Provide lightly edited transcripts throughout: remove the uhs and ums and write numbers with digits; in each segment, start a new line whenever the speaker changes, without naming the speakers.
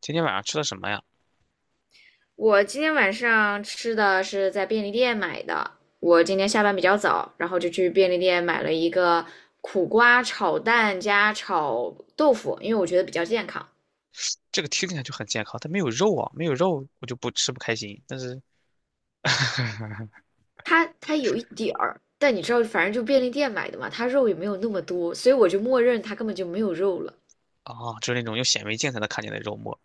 今天晚上吃的什么呀？
我今天晚上吃的是在便利店买的。我今天下班比较早，然后就去便利店买了一个苦瓜炒蛋加炒豆腐，因为我觉得比较健康。
这个听起来就很健康，它没有肉啊，没有肉我就不吃不开心。但是，
它有一点儿，但你知道，反正就便利店买的嘛，它肉也没有那么多，所以我就默认它根本就没有肉了。
啊，就是那种用显微镜才能看见的肉末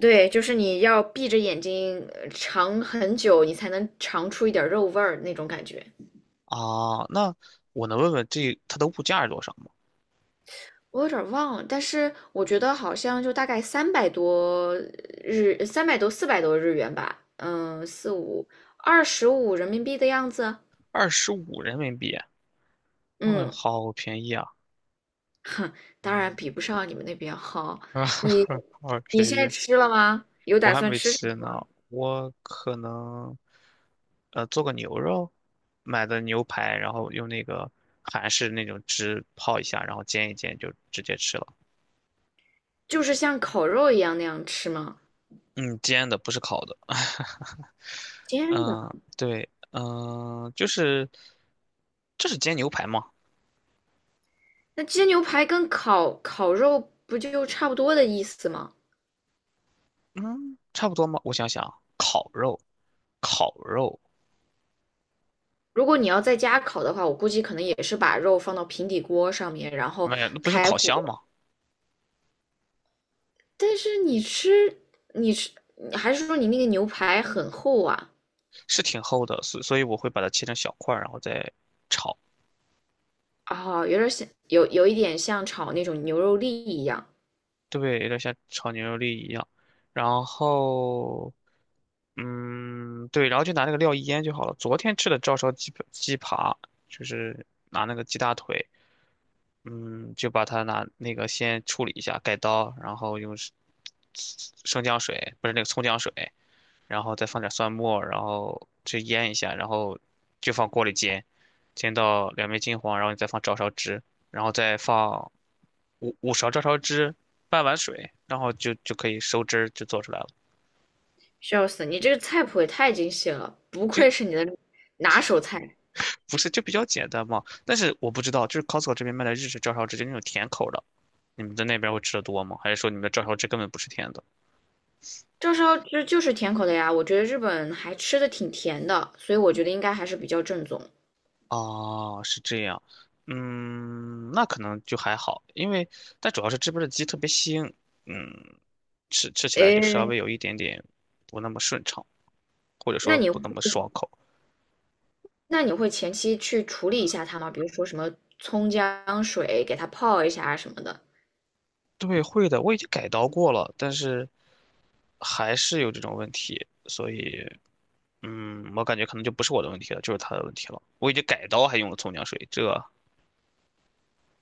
对，就是你要闭着眼睛尝很久，你才能尝出一点肉味儿那种感觉。
啊。那我能问问这它的物价是多少吗？
我有点儿忘了，但是我觉得好像就大概三百多日，300多400多日元吧，嗯，四五25人民币的样子。
二十五人民币，哇、
嗯，
好便宜啊
当然
嗯
比不上你们那边好。
啊，
你
好
你
便
现在
宜，
吃了吗？有
我
打
还
算
没
吃什
吃
么
呢。我可能，做个牛肉，买的牛排，然后用那个韩式那种汁泡一下，然后煎一煎就直接吃了。
就是像烤肉一样那样吃吗？
嗯，煎的不是烤的。
煎
嗯，
的。
对，嗯，就是这是煎牛排吗？
那煎牛排跟烤肉不就差不多的意思吗？
嗯，差不多吗？我想想，烤肉，烤肉，
如果你要在家烤的话，我估计可能也是把肉放到平底锅上面，然后
没有，那不是用
开
烤箱吗？
火。但是你吃，你吃，你还是说你那个牛排很厚啊？
是挺厚的，所以我会把它切成小块儿，然后再炒。
哦，有点像，有一点像炒那种牛肉粒一样。
对，有点像炒牛肉粒一样。然后，嗯，对，然后就拿那个料一腌就好了。昨天吃的照烧鸡鸡扒，就是拿那个鸡大腿。嗯，就把它拿那个先处理一下，改刀，然后用生姜水，不是那个葱姜水，然后再放点蒜末，然后去腌一下，然后就放锅里煎，煎到两面金黄，然后你再放照烧汁，然后再放五勺照烧汁，半碗水，然后就可以收汁儿就做出来了。
笑死，你这个菜谱也太精细了，不愧是
就
你的拿手菜。
不是就比较简单嘛，但是我不知道，就是 Costco 这边卖的日式照烧汁，就那种甜口的，你们在那边会吃的多吗？还是说你们的照烧汁根本不是甜的？
照烧汁就是甜口的呀，我觉得日本还吃的挺甜的，所以我觉得应该还是比较正宗。
哦，是这样，嗯，那可能就还好，因为但主要是这边的鸡特别腥，嗯，吃起来就稍
诶，
微有一点点不那么顺畅，或者
那
说
你
不那么爽口。
那你会前期去处理一下它吗？比如说什么葱姜水给它泡一下啊什么的，
对，会的，我已经改刀过了，但是还是有这种问题，所以，嗯，我感觉可能就不是我的问题了，就是他的问题了。我已经改刀还用了葱姜水，这。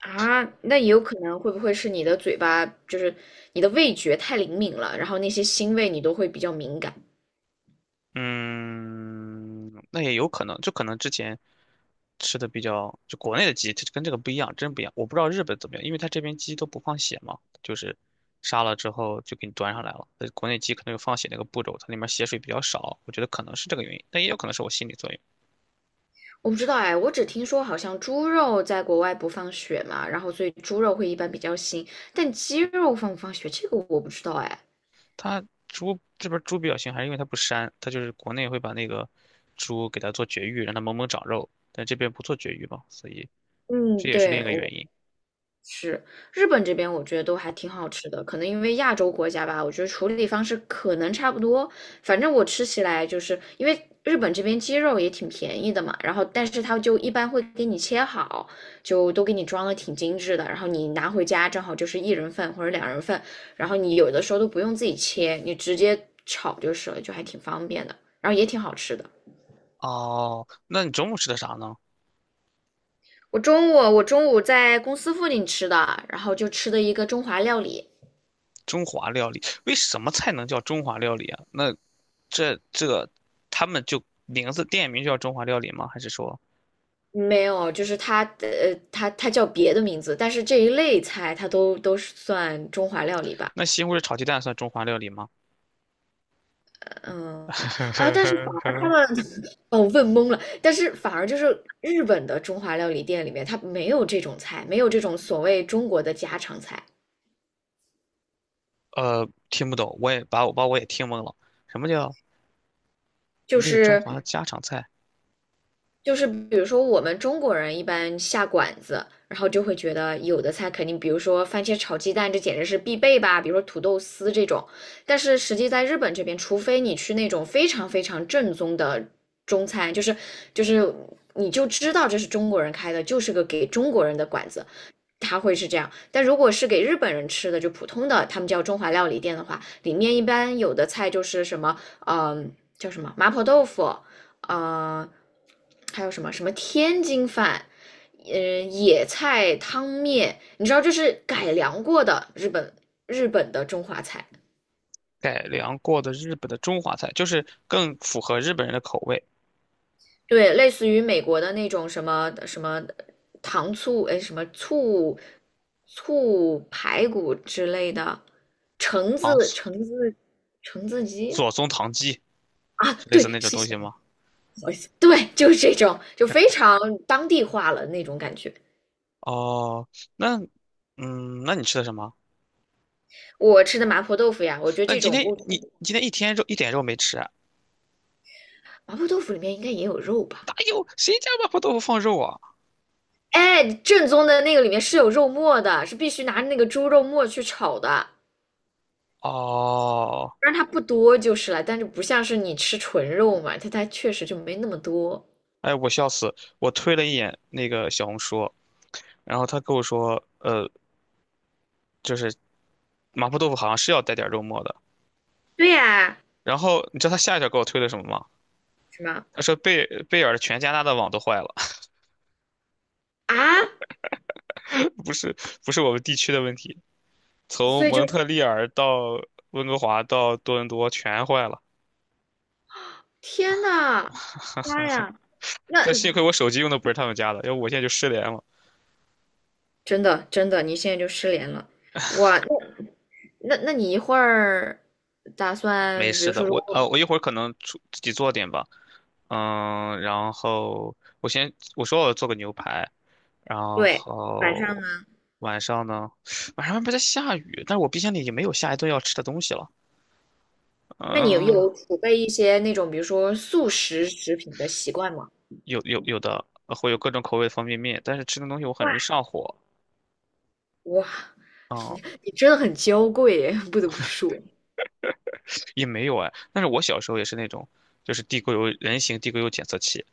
啊，那也有可能会不会是你的嘴巴，就是你的味觉太灵敏了，然后那些腥味你都会比较敏感。
嗯，那也有可能，就可能之前吃的比较，就国内的鸡，它跟这个不一样，真不一样。我不知道日本怎么样，因为它这边鸡都不放血嘛，就是杀了之后就给你端上来了。国内鸡可能有放血那个步骤，它里面血水比较少，我觉得可能是这个原因，但也有可能是我心理作用。
我不知道哎，我只听说好像猪肉在国外不放血嘛，然后所以猪肉会一般比较腥，但鸡肉放不放血这个我不知道哎。
它猪这边猪比较腥，还是因为它不膻，它就是国内会把那个猪给它做绝育，让它猛猛长肉，但这边不做绝育嘛，所以这
嗯，
也是另一
对，
个
我。
原因。
是，日本这边我觉得都还挺好吃的，可能因为亚洲国家吧，我觉得处理方式可能差不多。反正我吃起来就是因为日本这边鸡肉也挺便宜的嘛，然后但是它就一般会给你切好，就都给你装的挺精致的，然后你拿回家正好就是一人份或者两人份，然后你有的时候都不用自己切，你直接炒就是了，就还挺方便的，然后也挺好吃的。
哦，那你中午吃的啥呢？
我中午在公司附近吃的，然后就吃的一个中华料理。
中华料理，为什么菜能叫中华料理啊？那这这个他们就名字店名就叫中华料理吗？还是说
没有，就是它的，它它叫别的名字，但是这一类菜它都是算中华料理吧，
那西红柿炒鸡蛋算中华料理吗？
嗯，而他 们哦问懵了，但是反而就是日本的中华料理店里面，它没有这种菜，没有这种所谓中国的家常菜，
听不懂，我也把我也听懵了。什么叫
就
没有中
是
华的家常菜？
就是比如说，我们中国人一般下馆子，然后就会觉得有的菜肯定，比如说番茄炒鸡蛋，这简直是必备吧，比如说土豆丝这种。但是实际在日本这边，除非你去那种非常非常正宗的中餐，就是你就知道这是中国人开的，就是个给中国人的馆子，它会是这样。但如果是给日本人吃的，就普通的他们叫中华料理店的话，里面一般有的菜就是什么，嗯、呃叫什么麻婆豆腐，呃，还有什么什么天津饭。嗯，野菜汤面，你知道这是改良过的日本的中华菜，
改良过的日本的中华菜，就是更符合日本人的口味。
对，类似于美国的那种什么什么糖醋，哎，什么醋排骨之类的，橙
糖
子
醋
橙子橙子鸡
左宗棠鸡
啊，
是类似
对，
那种
谢谢，
东西吗？
不好意思，对，就是这种，就非常当地化了那种感觉。
哦，那嗯，那你吃的什么？
我吃的麻婆豆腐呀，我觉得
那你
这
今
种
天
不，
你今天一天肉一点肉没吃啊？
麻婆豆腐里面应该也有肉吧？
哪有？谁家麻婆豆腐放肉啊？
哎，正宗的那个里面是有肉末的，是必须拿那个猪肉末去炒的。
哦，
但然它不多就是了，但是不像是你吃纯肉嘛，它它确实就没那么多。
哎，我笑死！我推了一眼那个小红书，然后他跟我说，就是麻婆豆腐好像是要带点肉末的。
对呀，
然后你知道他下一条给我推的什么吗？
什么？
他说贝贝尔全加拿大的网都坏了，
啊，
不是不是我们地区的问题，从
所以就
蒙
是
特利尔到温哥华到多伦多全坏了。
天呐，妈呀，那
但幸亏我手机用的不是他们家的，要不我现在就失联了。
真的真的，你现在就失联了。哇，那那你一会儿打
没
算，比如
事的，
说如
我
果
我一会儿可能出自己做点吧，嗯，然后我先我说我要做个牛排，然
对晚上
后
呢，
晚上呢，晚上外面在下雨，但是我冰箱里也没有下一顿要吃的东西了，
那你
嗯，
有储备一些那种比如说速食食品的习惯吗？
有的会有各种口味的方便面，但是吃那东西我很
哇，
容易上火，
哇，
嗯。
你真的很娇贵耶，不得不说
也没有哎，但是我小时候也是那种，就是地沟油人形地沟油检测器，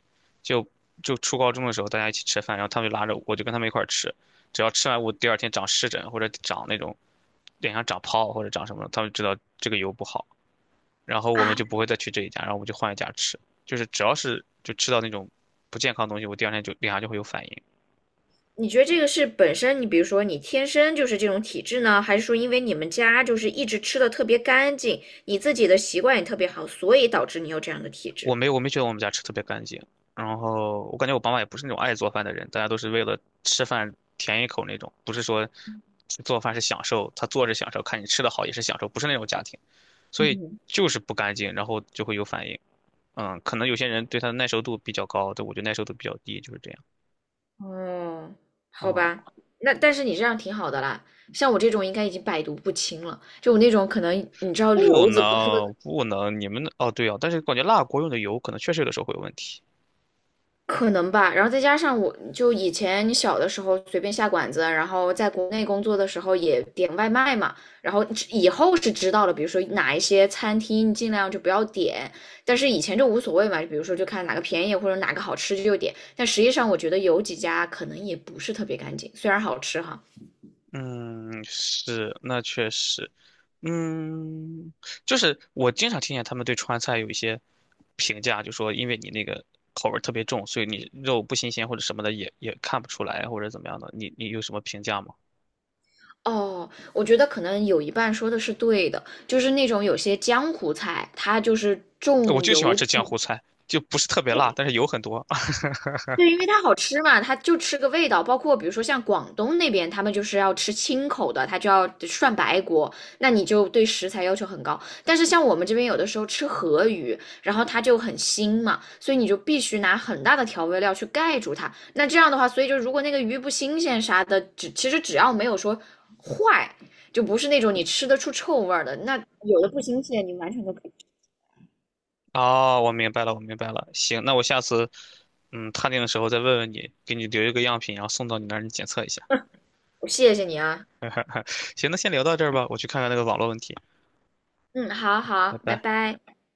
就就初高中的时候，大家一起吃饭，然后他们就拉着我，我就跟他们一块儿吃，只要吃完我第二天长湿疹或者长那种脸上长泡或者长什么，他们知道这个油不好，然后我们就
啊。
不会再去这一家，然后我们就换一家吃，就是只要是就吃到那种不健康的东西，我第二天就脸上就会有反应。
你觉得这个是本身你比如说你天生就是这种体质呢，还是说因为你们家就是一直吃的特别干净，你自己的习惯也特别好，所以导致你有这样的体
我
质？
没有，我没觉得我们家吃特别干净。然后我感觉我爸妈也不是那种爱做饭的人，大家都是为了吃饭填一口那种，不是说做饭是享受，他做着享受，看你吃的好也是享受，不是那种家庭，所以
嗯。
就是不干净，然后就会有反应。嗯，可能有些人对它的耐受度比较高，对，我觉得耐受度比较低，就是这样。
哦，好
哦，
吧，那但是你这样挺好的啦，像我这种应该已经百毒不侵了，就我那种可能你知道
不
瘤子不是
能不能，你们的哦对哦，但是感觉辣锅用的油可能确实有的时候会有问题。
可能吧，然后再加上我就以前小的时候随便下馆子，然后在国内工作的时候也点外卖嘛，然后以后是知道了，比如说哪一些餐厅尽量就不要点，但是以前就无所谓嘛，比如说就看哪个便宜或者哪个好吃就点，但实际上我觉得有几家可能也不是特别干净，虽然好吃哈。
嗯，是，那确实，嗯，就是我经常听见他们对川菜有一些评价，就说因为你那个口味儿特别重，所以你肉不新鲜或者什么的也看不出来或者怎么样的，你有什么评价吗？
哦，我觉得可能有一半说的是对的，就是那种有些江湖菜，它就是
我
重
就喜欢
油
吃江
重
湖菜，就不是特别辣，但是油很多。
对，因为它好吃嘛，它就吃个味道。包括比如说像广东那边，他们就是要吃清口的，他就要涮白锅，那你就对食材要求很高。但是像我们这边有的时候吃河鱼，然后它就很腥嘛，所以你就必须拿很大的调味料去盖住它。那这样的话，所以就如果那个鱼不新鲜啥的，其实只要没有说坏，就不是那种你吃得出臭味儿的，那有的不新鲜，你完全都可以
哦，我明白了，我明白了。行，那我下次嗯探店的时候再问问你，给你留一个样品，然后送到你那儿，你检测一下。
吃。谢谢你啊，
行，那先聊到这儿吧，我去看看那个网络问题，
嗯，好好，
拜
拜
拜。
拜。